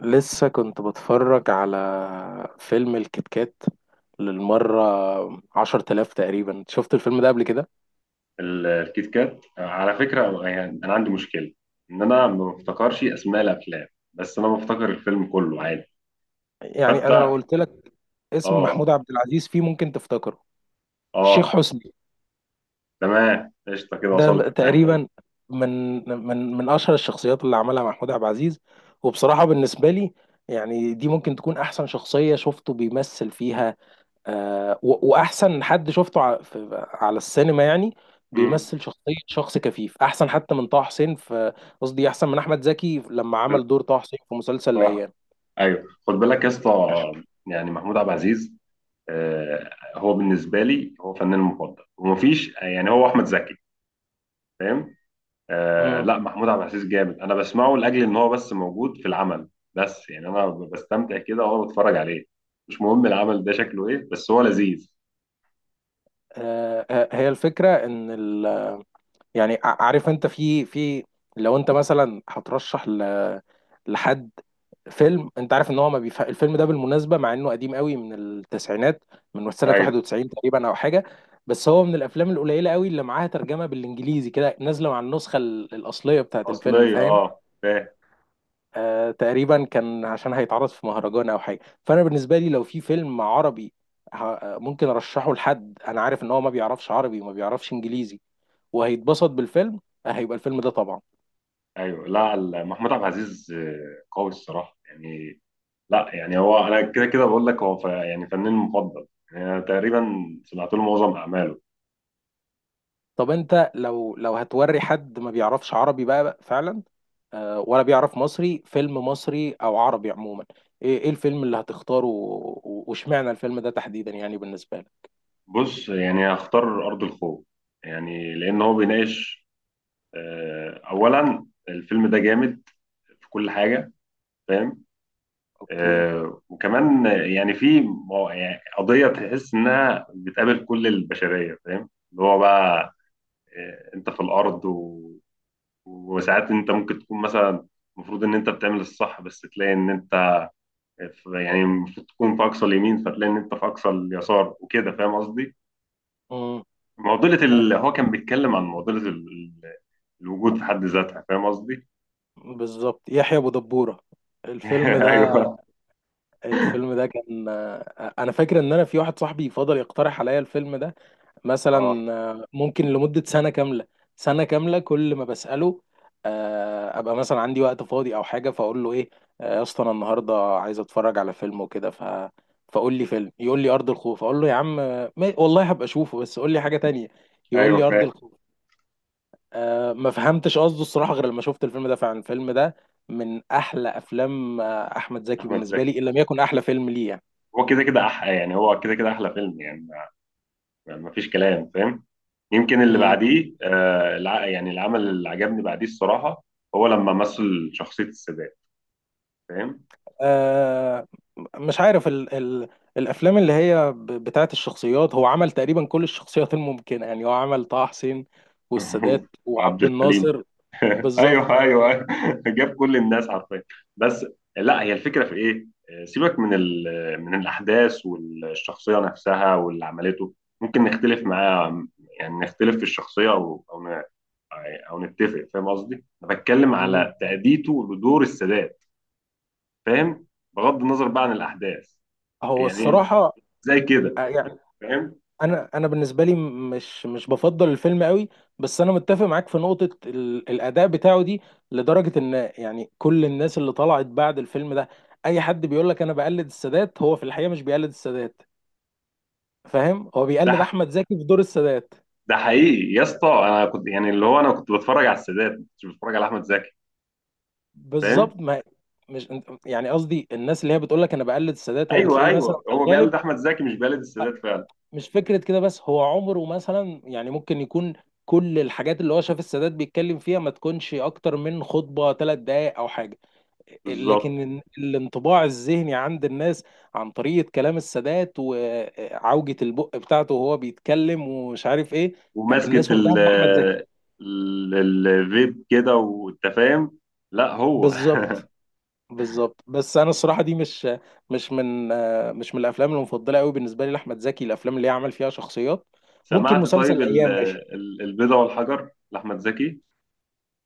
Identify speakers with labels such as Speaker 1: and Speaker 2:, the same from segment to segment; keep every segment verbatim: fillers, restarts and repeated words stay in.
Speaker 1: لسه كنت بتفرج على فيلم الكيت كات للمرة عشر تلاف تقريبا. شفت الفيلم ده قبل كده.
Speaker 2: ال- الكيت كات على فكرة، يعني أنا عندي مشكلة إن أنا ما بفتكرش أسماء الأفلام، بس أنا بفتكر الفيلم كله عادي.
Speaker 1: يعني
Speaker 2: حتى
Speaker 1: أنا لو قلت لك اسم
Speaker 2: آه.
Speaker 1: محمود عبد العزيز فيه ممكن تفتكره الشيخ
Speaker 2: آه،
Speaker 1: حسني.
Speaker 2: تمام، قشطة كده وصلت
Speaker 1: ده
Speaker 2: معاه.
Speaker 1: تقريبا من من من أشهر الشخصيات اللي عملها محمود عبد العزيز. وبصراحة بالنسبة لي يعني دي ممكن تكون أحسن شخصية شفته بيمثل فيها. آه، و- واحسن حد شفته ع- في- على السينما، يعني
Speaker 2: مم،
Speaker 1: بيمثل شخصية شخص كفيف احسن حتى من طه حسين في، قصدي احسن من احمد زكي لما عمل دور طه حسين في مسلسل
Speaker 2: صح.
Speaker 1: الايام.
Speaker 2: أيوه، خد بالك يا اسطى، يعني محمود عبد العزيز، آه، هو بالنسبة لي هو فنان مفضل ومفيش، يعني هو أحمد زكي، فاهم. آه،
Speaker 1: مم.
Speaker 2: لا محمود عبد العزيز جامد، انا بسمعه لاجل ان هو بس موجود في العمل. بس يعني انا بستمتع كده وانا بتفرج عليه، مش مهم العمل ده شكله ايه بس هو لذيذ.
Speaker 1: آه، آه، هي الفكرة ان ال- يعني ع- عارف انت في في لو انت مثلا هترشح ل- لحد فيلم، انت عارف ان هو ما بيف... الفيلم ده بالمناسبه مع انه قديم قوي من التسعينات، من سنه
Speaker 2: ايوه
Speaker 1: واحد وتسعين تقريبا او حاجه. بس هو من الافلام القليله قوي اللي معاها ترجمه بالانجليزي كده نازله مع النسخه ال- الاصليه بتاعت الفيلم،
Speaker 2: الاصليه،
Speaker 1: فاهم.
Speaker 2: اه فاهم.
Speaker 1: آه تقريبا كان عشان هيتعرض في مهرجان او حاجه. فانا بالنسبه لي لو في فيلم عربي ه... ممكن ارشحه لحد انا عارف ان هو ما بيعرفش عربي وما بيعرفش انجليزي وهيتبسط بالفيلم، هيبقى الفيلم ده طبعا.
Speaker 2: ايوه، لا ال- محمود عبد العزيز آه، قوي الصراحه يعني. لا يعني هو، انا كده كده بقول لك هو ف- يعني فنان مفضل، يعني انا تقريبا سمعت له معظم اعماله.
Speaker 1: طب انت لو لو هتوري حد ما بيعرفش عربي بقى، بقى فعلا، آه، ولا بيعرف مصري، فيلم مصري او عربي عموما، ايه ايه الفيلم اللي هتختاره و- و- واشمعنى الفيلم ده تحديدا يعني بالنسبه لك؟
Speaker 2: بص يعني هختار ارض الخوف، يعني لان هو بيناقش. آه، اولا الفيلم ده جامد في كل حاجه، فاهم.
Speaker 1: اوكي.
Speaker 2: آه، وكمان يعني في مو- يعني قضية تحس إنها بتقابل كل البشرية، فاهم، اللي هو بقى آه، أنت في الأرض و... وساعات أنت ممكن تكون مثلا المفروض إن أنت بتعمل الصح، بس تلاقي إن أنت في، يعني المفروض تكون في أقصى اليمين فتلاقي إن أنت في أقصى اليسار وكده، فاهم قصدي؟
Speaker 1: امم.
Speaker 2: معضلة ال... هو كان بيتكلم عن معضلة ال... ال- الوجود في حد ذاتها، فاهم قصدي؟
Speaker 1: بالظبط يحيى ابو دبوره الفيلم ده.
Speaker 2: أيوه
Speaker 1: الفيلم ده كان آه، انا فاكر ان انا في واحد صاحبي فضل يقترح عليا الفيلم ده
Speaker 2: أه.
Speaker 1: مثلا آه، ممكن لمدة سنة كاملة. سنة كاملة كل ما بسأله آه، أبقى مثلا عندي وقت فاضي أو حاجة، فأقول له إيه آه، يا اسطى أنا النهاردة عايز أتفرج على فيلم وكده، ف فقول لي فيلم، يقول لي أرض الخوف، أقول له يا عم آه، ما... والله هبقى أشوفه بس قول لي حاجة تانية، يقول لي
Speaker 2: أيوه
Speaker 1: أرض
Speaker 2: فاهم.
Speaker 1: الخوف. أه ما فهمتش قصده الصراحة غير لما شفت الفيلم ده. فعلا الفيلم ده من أحلى أفلام آه، أحمد زكي
Speaker 2: أحمد
Speaker 1: بالنسبة
Speaker 2: زكي
Speaker 1: لي، إن لم يكن أحلى فيلم ليه يعني.
Speaker 2: هو كده كده أحلى، يعني هو كده كده أحلى فيلم يعني، يعني مفيش كلام، فاهم. يمكن اللي
Speaker 1: مم.
Speaker 2: بعديه آه، الع- يعني العمل اللي عجبني بعديه الصراحه، هو لما مثل شخصيه السادات، فاهم.
Speaker 1: آه، مش عارف ال ال الافلام اللي هي ب- بتاعت الشخصيات هو عمل تقريبا كل الشخصيات الممكنه، يعني هو عمل طه حسين والسادات
Speaker 2: عبد
Speaker 1: وعبد
Speaker 2: الحليم.
Speaker 1: الناصر. بالظبط.
Speaker 2: ايوه ايوه ايوه جاب كل الناس، عارفين. بس لا، هي الفكره في ايه، آه، سيبك من ال- من الاحداث والشخصيه نفسها واللي عملته، ممكن نختلف معاه، يعني نختلف في الشخصيه او او ن- او نتفق، فاهم قصدي، انا بتكلم
Speaker 1: مم.
Speaker 2: على تاديته لدور السادات، فاهم، بغض النظر بقى عن الاحداث.
Speaker 1: هو
Speaker 2: يعني
Speaker 1: الصراحه
Speaker 2: زي كده
Speaker 1: آه، يعني
Speaker 2: فاهم.
Speaker 1: انا انا بالنسبه لي مش مش بفضل الفيلم قوي، بس انا متفق معاك في نقطه ال الاداء بتاعه دي، لدرجه ان يعني كل الناس اللي طلعت بعد الفيلم ده اي حد بيقول لك انا بقلد السادات هو في الحقيقه مش بيقلد السادات، فاهم، هو
Speaker 2: ده
Speaker 1: بيقلد
Speaker 2: ح-
Speaker 1: احمد زكي في دور السادات.
Speaker 2: ده حقيقي يا اسطى، انا كنت يعني اللي هو انا كنت بتفرج على السادات، ما كنتش بتفرج على احمد زكي، فاهم.
Speaker 1: بالظبط ما مش يعني قصدي الناس اللي هي بتقول لك انا بقلد السادات هو
Speaker 2: ايوه
Speaker 1: بتلاقيه مثلا
Speaker 2: ايوه،
Speaker 1: في
Speaker 2: هو بيقلد
Speaker 1: الغالب
Speaker 2: احمد زكي مش بيقلد
Speaker 1: آه،
Speaker 2: السادات فعلا.
Speaker 1: مش فكره كده، بس هو عمره مثلا يعني ممكن يكون كل الحاجات اللي هو شاف السادات بيتكلم فيها ما تكونش اكتر من خطبه ثلاث دقائق او حاجه. آه،
Speaker 2: بالظبط
Speaker 1: لكن ال- الانطباع الذهني عند الناس عن طريقه كلام السادات وعوجه البق بتاعته وهو بيتكلم ومش عارف ايه، آه،
Speaker 2: وماسكه
Speaker 1: الناس
Speaker 2: ال
Speaker 1: واخداها من احمد ال- زكي.
Speaker 2: ال- الفيب كده، وانت فاهم. لا هو.
Speaker 1: بالظبط. بالظبط. بس انا الصراحه دي مش مش من آه، مش من الافلام المفضله قوي بالنسبه لي لاحمد زكي، الافلام اللي يعمل فيها شخصيات. ممكن
Speaker 2: سمعت
Speaker 1: مسلسل
Speaker 2: طيب ال-
Speaker 1: الايام ماشي.
Speaker 2: ال- البيضة والحجر لاحمد زكي.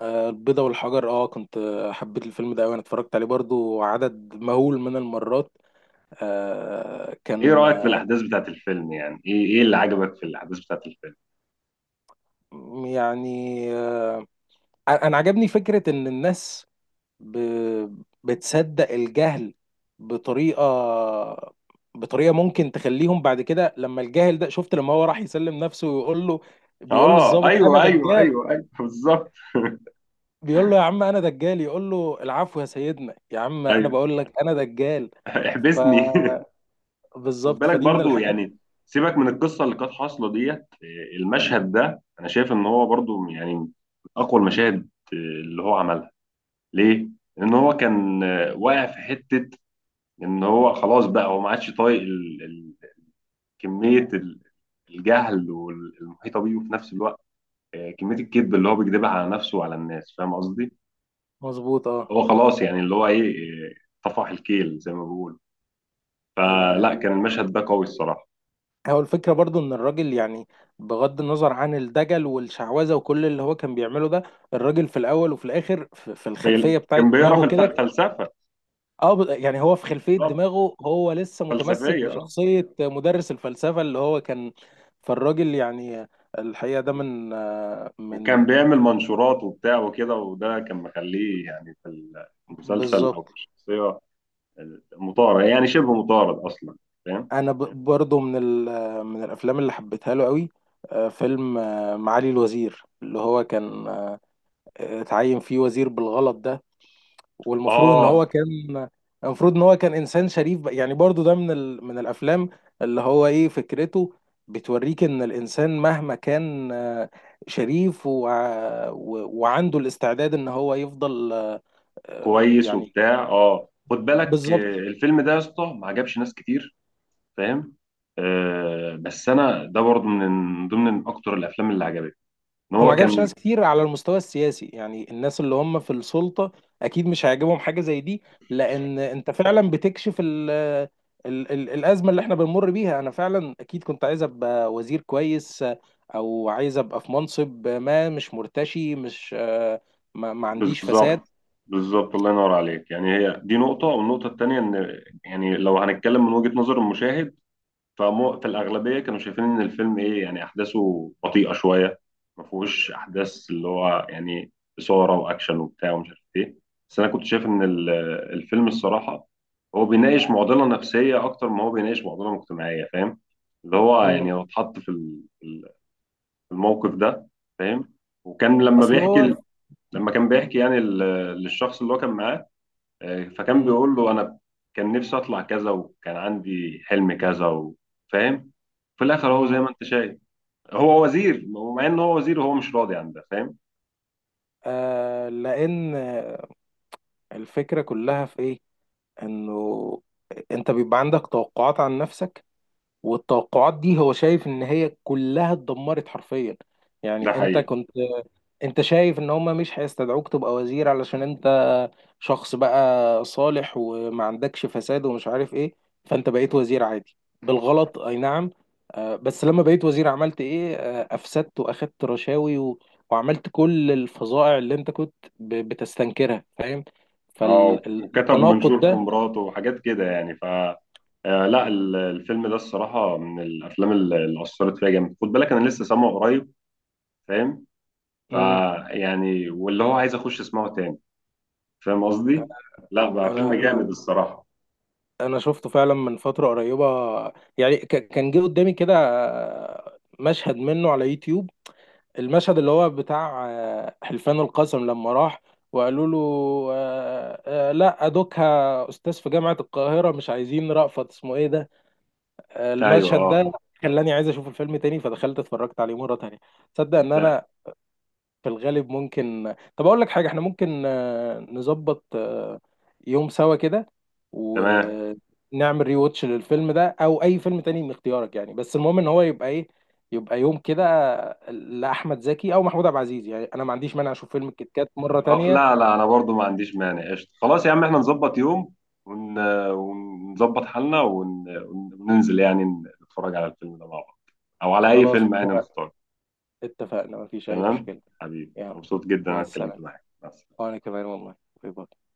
Speaker 1: آه، البيضة والحجر، اه كنت آه، حبيت الفيلم ده قوي، انا اتفرجت عليه برضو عدد مهول من المرات. آه،
Speaker 2: ايه
Speaker 1: كان
Speaker 2: رايك في
Speaker 1: آه،
Speaker 2: الاحداث بتاعت الفيلم، يعني ايه ايه اللي عجبك في الاحداث بتاعت الفيلم.
Speaker 1: يعني آه، انا عجبني فكره ان الناس ب... بتصدق الجهل بطريقة بطريقة ممكن تخليهم بعد كده لما الجاهل ده، شفت لما هو راح يسلم نفسه ويقول له، بيقول
Speaker 2: اه
Speaker 1: للضابط انا
Speaker 2: ايوه ايوه
Speaker 1: دجال،
Speaker 2: ايوه ايوه بالظبط.
Speaker 1: بيقول له يا عم انا دجال، يقول له العفو يا سيدنا، يا عم انا
Speaker 2: ايوه.
Speaker 1: بقول لك انا دجال. ف
Speaker 2: احبسني. خد
Speaker 1: بالظبط،
Speaker 2: بالك
Speaker 1: فدي من
Speaker 2: برضو،
Speaker 1: الحاجات.
Speaker 2: يعني سيبك من القصه اللي كانت حاصله ديت، آه، المشهد ده انا شايف ان هو برضو يعني من اقوى المشاهد آه، اللي هو عملها. ليه؟ لان هو كان آه، واقع في حته ان هو خلاص بقى، هو ما عادش طايق ال- ال- كميه ال- الجهل والمحيطه بيه، وفي نفس الوقت آه، كميه الكذب اللي هو بيكذبها على نفسه وعلى الناس، فاهم قصدي؟
Speaker 1: مظبوط اه.
Speaker 2: هو خلاص يعني اللي هو ايه، آه، طفح الكيل زي ما بيقولوا، فلا كان
Speaker 1: آه،
Speaker 2: المشهد ده قوي الصراحه.
Speaker 1: هو الفكرة برضو ان الراجل يعني بغض النظر عن الدجل والشعوذة وكل اللي هو كان بيعمله ده، الراجل في الاول وفي الاخر في في
Speaker 2: في-
Speaker 1: الخلفية بتاعت
Speaker 2: كان بيقرا في
Speaker 1: دماغه
Speaker 2: الف-
Speaker 1: كده،
Speaker 2: فلسفه،
Speaker 1: اه ب- يعني هو في خلفية دماغه هو لسه متمسك
Speaker 2: فلسفية اه.
Speaker 1: بشخصية مدرس الفلسفة اللي هو كان. فالراجل يعني، الحقيقة ده من آه،
Speaker 2: وكان
Speaker 1: من
Speaker 2: بيعمل منشورات وبتاع وكده، وده كان مخليه يعني في المسلسل أو
Speaker 1: بالظبط.
Speaker 2: في الشخصية آه، مطارد، يعني شبه مطارد أصلا، فاهم؟
Speaker 1: انا ب- برضو من ال آه، من الافلام اللي حبيتها له قوي آه، فيلم آه، معالي الوزير، اللي هو كان آه، اتعين فيه وزير بالغلط ده، والمفروض ان
Speaker 2: آه
Speaker 1: هو كان، المفروض ان هو كان انسان شريف بقى. يعني برضو ده من ال... من الافلام اللي هو ايه فكرته بتوريك ان الانسان مهما كان آه، شريف و... و... وعنده الاستعداد ان هو يفضل آه،
Speaker 2: كويس
Speaker 1: يعني
Speaker 2: وبتاع. آه خد بالك، آه،
Speaker 1: بالظبط.
Speaker 2: الفيلم ده يا اسطى ما عجبش ناس كتير، فاهم؟ آه، بس أنا ده برضه من ضمن من أكتر الأفلام اللي عجبتني، إن
Speaker 1: هو ما
Speaker 2: هو
Speaker 1: عجبش
Speaker 2: كان.
Speaker 1: ناس كتير على المستوى السياسي، يعني الناس اللي هم في السلطة أكيد مش هيعجبهم حاجة زي دي، لأن أنت فعلا بتكشف ال ال ال الأزمة اللي احنا بنمر بيها. أنا فعلا أكيد كنت عايز أبقى وزير كويس، أو عايز أبقى في منصب ما مش مرتشي، مش آه، ما, ما عنديش فساد.
Speaker 2: بالظبط بالظبط، الله ينور عليك، يعني هي دي نقطة، والنقطة التانية إن يعني لو هنتكلم من وجهة نظر المشاهد، فمو في الأغلبية كانوا شايفين إن الفيلم إيه، يعني أحداثه بطيئة شوية، ما فيهوش أحداث اللي هو يعني إثارة وأكشن وبتاع ومش عارف إيه. بس أنا كنت شايف إن ال- الفيلم الصراحة هو بيناقش معضلة نفسية أكتر ما هو بيناقش معضلة مجتمعية، فاهم، اللي هو
Speaker 1: مم.
Speaker 2: يعني لو اتحط في ال- ال- في الموقف ده، فاهم. وكان لما
Speaker 1: أصل هو،
Speaker 2: بيحكي، لما كان بيحكي يعني ال- للشخص اللي هو كان معاه، آه، فكان
Speaker 1: مم،
Speaker 2: بيقول له انا كان نفسي اطلع كذا وكان عندي حلم كذا و-، فاهم، في الاخر هو زي
Speaker 1: مم،
Speaker 2: ما انت شايف هو وزير، مع ان هو وزير وهو مش راضي عن ده، فاهم.
Speaker 1: آه لأن الفكرة كلها في إيه؟ إنه أنت بيبقى عندك توقعات عن نفسك، والتوقعات دي هو شايف ان هي كلها اتدمرت حرفيا،
Speaker 2: ده
Speaker 1: يعني انت
Speaker 2: حقيقي.
Speaker 1: كنت، انت شايف ان هما مش هيستدعوك تبقى وزير علشان انت شخص بقى صالح وما عندكش فساد ومش عارف ايه، فانت بقيت وزير عادي بالغلط اي نعم. آه، بس لما بقيت وزير عملت ايه، آه، افسدت واخدت رشاوي و... وعملت كل الفظائع اللي انت كنت ب... بتستنكرها، فاهم،
Speaker 2: اه وكتب
Speaker 1: فالتناقض
Speaker 2: منشور
Speaker 1: ده.
Speaker 2: في مراته وحاجات كده يعني ف آه، لا ال- الفيلم ده الصراحة من الأفلام ال- اللي أثرت فيا جامد، خد بالك أنا لسه سامعه قريب، فاهم،
Speaker 1: مم.
Speaker 2: فيعني واللي هو عايز أخش أسمعه تاني، فاهم قصدي؟ لا بقى فيلم
Speaker 1: انا
Speaker 2: جامد
Speaker 1: انا
Speaker 2: الصراحة.
Speaker 1: انا شفته فعلا من فتره قريبه، يعني ك- كان جه قدامي كده آه، مشهد منه على يوتيوب، المشهد اللي هو بتاع آه، حلفان القسم لما راح وقالوا له آه، آه، لا دوكها استاذ في جامعه القاهره مش عايزين رأفت اسمه ايه ده. آه،
Speaker 2: أيوه
Speaker 1: المشهد ده
Speaker 2: أه
Speaker 1: خلاني عايز اشوف الفيلم تاني، فدخلت اتفرجت عليه مره تانية. تصدق ان
Speaker 2: ده
Speaker 1: انا في الغالب ممكن، طب اقول لك حاجه، احنا ممكن آه، نظبط آه، يوم سوا كده
Speaker 2: تمام.
Speaker 1: ونعمل ري واتش للفيلم ده او اي فيلم تاني من اختيارك يعني، بس المهم ان هو يبقى ايه، يبقى يوم كده آه، لاحمد زكي او محمود عبد العزيز، يعني انا ما عنديش مانع اشوف فيلم الكيت كات مره
Speaker 2: اه
Speaker 1: تانية.
Speaker 2: لا لا، انا برضو ما عنديش مانع، قشطة خلاص يا عم احنا نظبط يوم ون... ونظبط حالنا ون... وننزل يعني نتفرج على الفيلم ده مع بعض، او على اي
Speaker 1: خلاص
Speaker 2: فيلم يعني
Speaker 1: اتفقنا.
Speaker 2: نختار.
Speaker 1: اتفقنا مفيش اي
Speaker 2: تمام
Speaker 1: مشكله.
Speaker 2: حبيبي،
Speaker 1: يلا
Speaker 2: مبسوط جدا
Speaker 1: مع
Speaker 2: انا اتكلمت
Speaker 1: السلامه.
Speaker 2: معاك، مع السلامة.
Speaker 1: وانا كمان والله. باي باي.